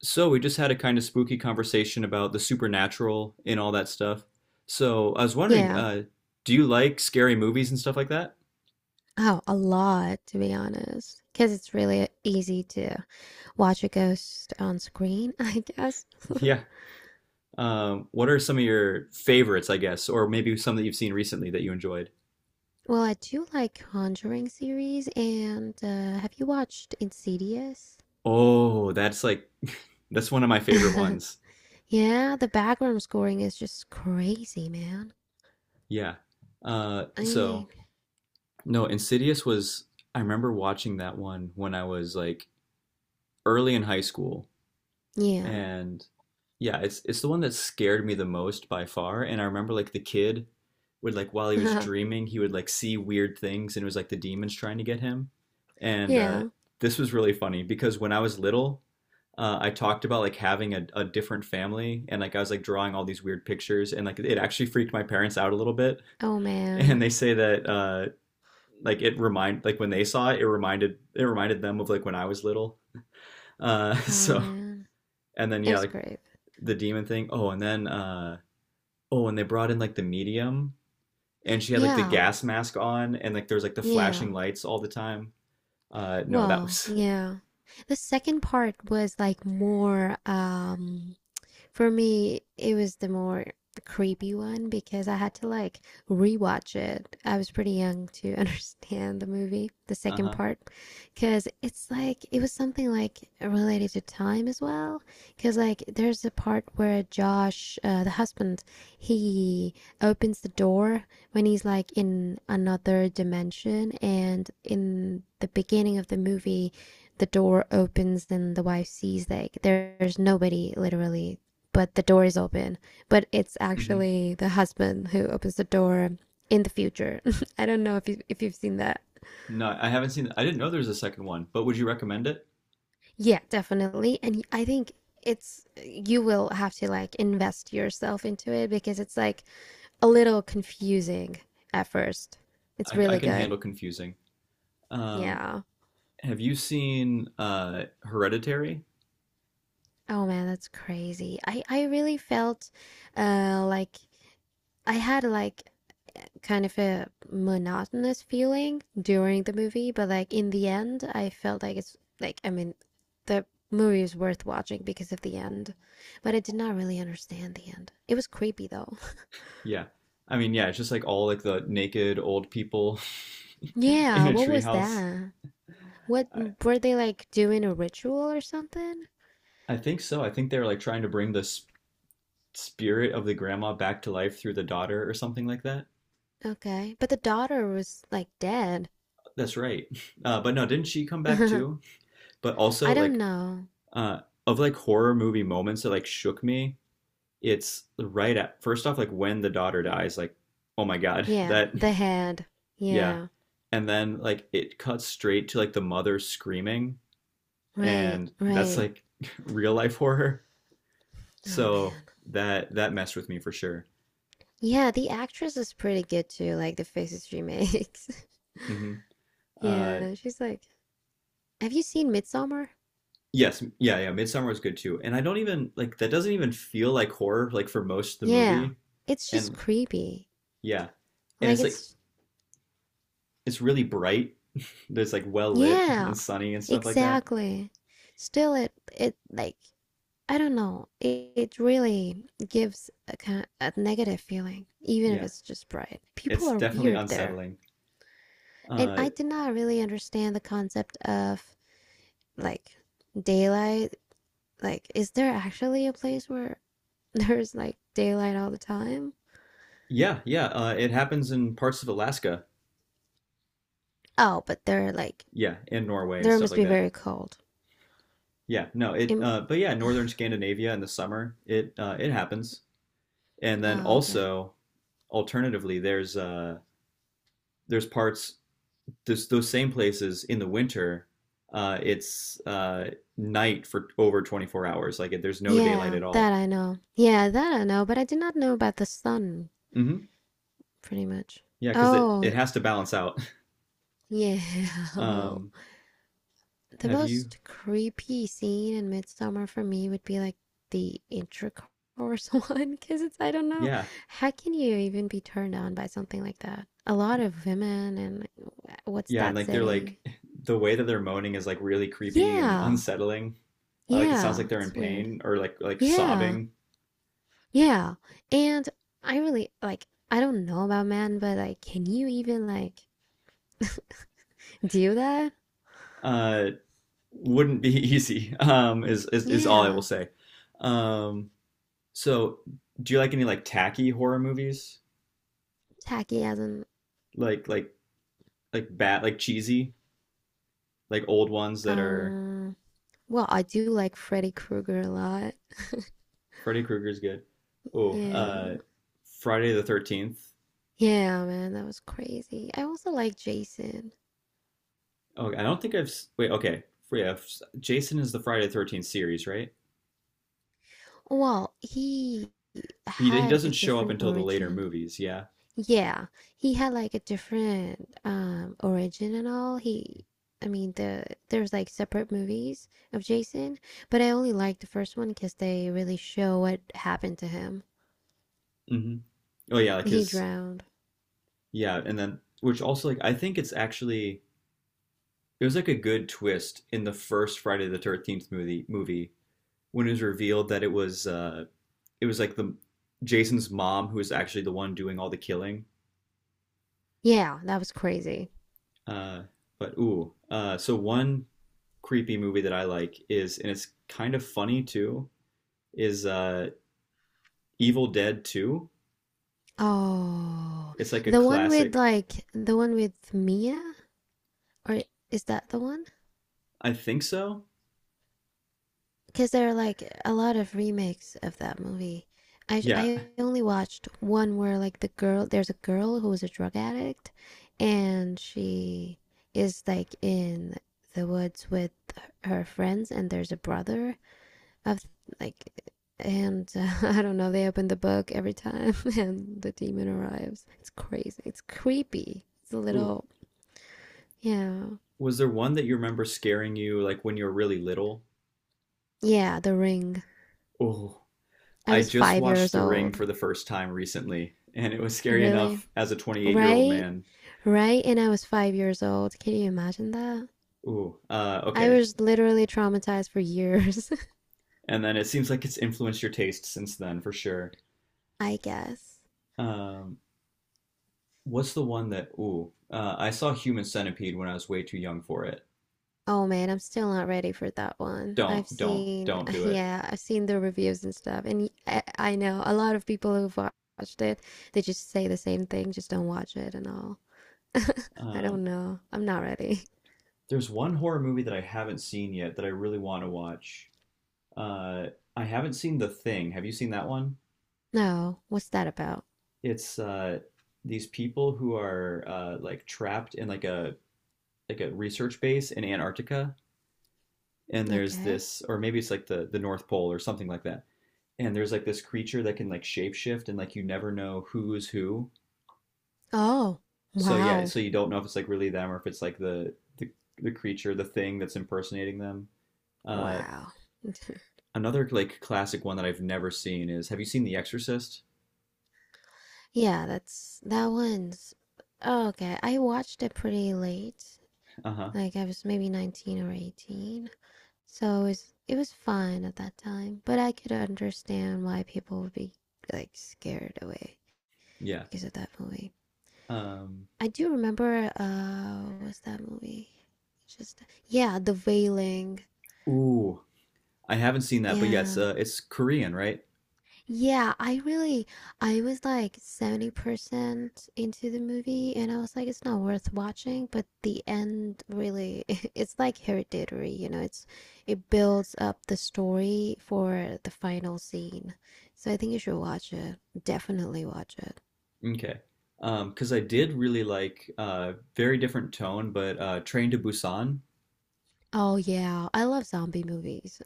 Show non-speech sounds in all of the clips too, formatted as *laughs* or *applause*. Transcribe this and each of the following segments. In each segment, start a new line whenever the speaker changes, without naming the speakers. So we just had a kind of spooky conversation about the supernatural and all that stuff. So I was wondering,
Yeah.
do you like scary movies and stuff like that?
Oh, a lot, to be honest. Because it's really easy to watch a ghost on screen, *laughs* I guess.
Yeah. What are some of your favorites, I guess, or maybe some that you've seen recently that you enjoyed?
Well, I do like Conjuring series, and have you watched Insidious?
Oh, that's like *laughs* that's one of my favorite
*laughs*
ones.
Yeah, the background scoring is just crazy, man.
Yeah. Uh,
I
so
mean,
no, Insidious was I remember watching that one when I was like early in high school.
yeah.
And yeah, it's the one that scared me the most by far. And I remember like the kid would like while he was
*laughs*
dreaming, he would like see weird things, and it was like the demons trying to get him. And
Yeah.
this was really funny because when I was little, I talked about like having a different family, and like I was like drawing all these weird pictures, and like it actually freaked my parents out a little bit. *laughs*
Oh, man.
And they say that like it remind like when they saw it, it reminded them of like when I was little. *laughs*
Oh,
So
man.
and then
It
yeah,
was
like
great.
the demon thing. Oh, and then oh, and they brought in like the medium and she had like the
Yeah.
gas mask on and like there's like the flashing
Yeah.
lights all the time. No, that
Well,
was
yeah. The second part was like more. For me, it was the more creepy one because I had to like rewatch it. I was pretty young to *laughs* understand the movie, the
*laughs*
second
uh-huh.
part, because it's like it was something like related to time as well. Because like there's a part where Josh, the husband, he opens the door when he's like in another dimension, and in the beginning of the movie, the door opens and the wife sees like there's nobody literally but the door is open. But it's
Hmm.
actually the husband who opens the door in the future. *laughs* I don't know if you've seen that.
No, I haven't seen I didn't know there's a second one, but would you recommend it?
Yeah, definitely. And I think it's you will have to like invest yourself into it because it's like a little confusing at first. It's
I
really
can
good.
handle confusing. Um
Yeah.
have you seen Hereditary?
Oh man, that's crazy. I really felt like I had like kind of a monotonous feeling during the movie, but like in the end, I felt like it's like I mean, the movie is worth watching because of the end, but I did not really understand the end. It was creepy though. *laughs*
Yeah. I mean, yeah, it's just like all like the naked old people *laughs* in
Yeah,
a
what was
treehouse.
that? What
I,
were they like doing a ritual or something?
I think so. I think they were like trying to bring the spirit of the grandma back to life through the daughter or something like that.
Okay, but the daughter was like dead.
That's right. *laughs* But no, didn't she come
*laughs*
back
I
too? But also
don't
like
know.
uh of like horror movie moments that like shook me, it's right at first off like when the daughter dies, like oh my God, *laughs*
Yeah,
that
the head.
yeah.
Yeah,
And then like it cuts straight to like the mother screaming
right,
and that's
right.
like *laughs* real life horror.
Oh
So
man.
that messed with me for sure.
Yeah, the actress is pretty good too, like the faces she makes. *laughs*
Hmm. Uh,
Yeah, she's like, have you seen Midsommar?
yes, yeah, yeah. Midsummer was good too, and I don't even like that doesn't even feel like horror like for most of the
Yeah,
movie.
it's just
And
creepy.
yeah, and
Like
it's like
it's,
it's really bright. There's like well lit *laughs*
yeah,
and sunny and stuff like that.
exactly. Still, it like I don't know. It really gives a kind a negative feeling, even if
Yeah,
it's just bright. People
it's
are
definitely
weird there,
unsettling.
and
Uh,
I did not really understand the concept of like daylight. Like, is there actually a place where *laughs* there's like daylight all the time.
yeah, yeah. It happens in parts of Alaska.
Oh, but they're like
Yeah, and Norway and
there
stuff
must
like
be
that.
very cold.
Yeah, no, it
Im-
but yeah, northern Scandinavia in the summer, it happens. And then
oh, okay.
also alternatively there's there's parts those same places in the winter, it's night for over 24 hours. Like it, there's no daylight
Yeah,
at
that
all.
I know. Yeah, that I know, but I did not know about the sun
Hmm.
pretty much.
Yeah, because it
Oh,
it has to balance out. *laughs*
yeah. *laughs* Well,
Um
the
have you
most creepy scene in Midsummer for me would be like the intercourse *laughs* one because it's I don't know
yeah.
how can you even be turned on by something like that? A lot of women and what's
Yeah, and
that
like they're like
setting?
the way that they're moaning is like really creepy and
Yeah.
unsettling. Like it sounds
Yeah,
like they're in
it's weird.
pain or like
Yeah,
sobbing.
yeah. And I really like, I don't know about men, but like, can you even like *laughs* do that?
Uh wouldn't be *laughs* easy. Is all I will
Yeah,
say. Um, so do you like any like tacky horror movies?
tacky as in,
Like like like bad like cheesy like old ones that are
um, well, I do like Freddy Krueger a lot.
Freddy Krueger's good. Oh,
Yeah,
Friday the 13th.
yeah, man, that was crazy. I also like Jason.
Oh, I don't think I've wait. Okay, yeah, Jason is the Friday the 13th series, right?
Well, he
He
had a
doesn't show up
different
until the later
origin.
movies. Yeah.
Yeah, he had like a different origin and all. He, I mean, there's like separate movies of Jason, but I only liked the first one because they really show what happened to him.
Hmm. Oh yeah, like
He
his
drowned.
yeah, and then which also like I think it's actually it was like a good twist in the first Friday the 13th movie when it was revealed that it was like the Jason's mom who was actually the one doing all the killing.
Yeah, that was crazy.
Uh, but ooh, so one creepy movie that I like is and it's kind of funny too is Evil Dead Two.
Oh,
It's like a classic.
the one with Mia, or is that the one?
I think so.
Because there are like a lot of remakes of that movie. I
Yeah.
I only watched one where there's a girl who is a drug addict, and she is like in the woods with her friends, and there's a brother of like. And *laughs* I don't know, they open the book every time *laughs* and the demon arrives. It's crazy. It's creepy. It's a
Ooh,
little, yeah.
was there one that you remember scaring you like when you were really little?
Yeah, The Ring.
Oh,
I
I
was
just
five
watched
years
The Ring
old.
for the first time recently, and it was scary
Really?
enough as a 28-year-old year old
Right?
man.
Right? And I was 5 years old. Can you imagine that?
Ooh,
I
okay.
was literally traumatized for years, *laughs*
And then it seems like it's influenced your taste since then, for sure.
I guess.
Um, what's the one that? Ooh, I saw Human Centipede when I was way too young for it.
Oh man, I'm still not ready for that one. I've seen,
Don't
*laughs*
do it.
yeah, I've seen the reviews and stuff. And I know a lot of people who've watched it, they just say the same thing, just don't watch it and all. I
Um,
don't know. I'm not ready. *laughs*
there's one horror movie that I haven't seen yet that I really want to watch. Uh, I haven't seen The Thing. Have you seen that one?
No, what's that about?
It's these people who are like trapped in like a research base in Antarctica, and there's
Okay.
this, or maybe it's like the North Pole or something like that. And there's like this creature that can like shapeshift, and like you never know who is who.
Oh,
So yeah,
wow.
so you don't know if it's like really them or if it's like the creature, the thing that's impersonating them. Uh,
Wow.
another like classic one that I've never seen is have you seen The Exorcist?
Yeah, that's that one's oh, okay. I watched it pretty late.
Uh huh.
Like I was maybe 19 or 18. So it was fine at that time, but I could understand why people would be like scared away
Yeah.
because of that movie.
Um.
I do remember what's that movie? Just yeah, The Wailing.
Ooh, I haven't seen that, but yeah,
Yeah.
it's Korean, right?
Yeah, I was like 70% into the movie, and I was like, it's not worth watching, but the end really, *laughs* it's like hereditary, it builds up the story for the final scene. So I think you should watch it. Definitely watch it.
Okay. 'Cause I did really like very different tone, but Train to Busan
Oh yeah, I love zombie movies.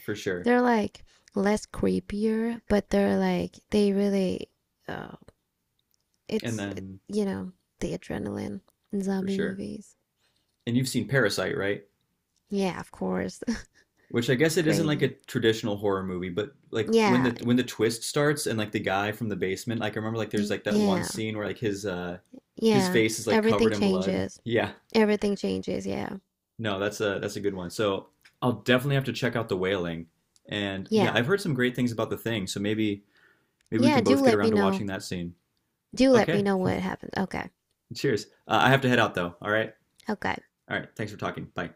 for
*laughs*
sure.
They're like less creepier, but they're like they really, uh,
And
it's,
then
you know, the adrenaline in
for
zombie
sure.
movies.
And you've seen Parasite, right?
Yeah, of course. *laughs*
Which I guess it isn't like a
Crazy.
traditional horror movie, but like
Yeah,
when the twist starts and like the guy from the basement, like I remember like there's like that one
yeah,
scene where like his
yeah.
face is like
Everything
covered in blood.
changes.
Yeah.
Everything changes. Yeah,
No, that's a good one. So I'll definitely have to check out The Wailing. And yeah,
yeah,
I've heard some great things about The Thing, so maybe maybe we
yeah.
can
Do
both get
let
around
me
to
know.
watching that scene.
Do let me
Okay.
know what happens. Okay,
Cheers. I have to head out though. All right.
okay.
All right. Thanks for talking. Bye.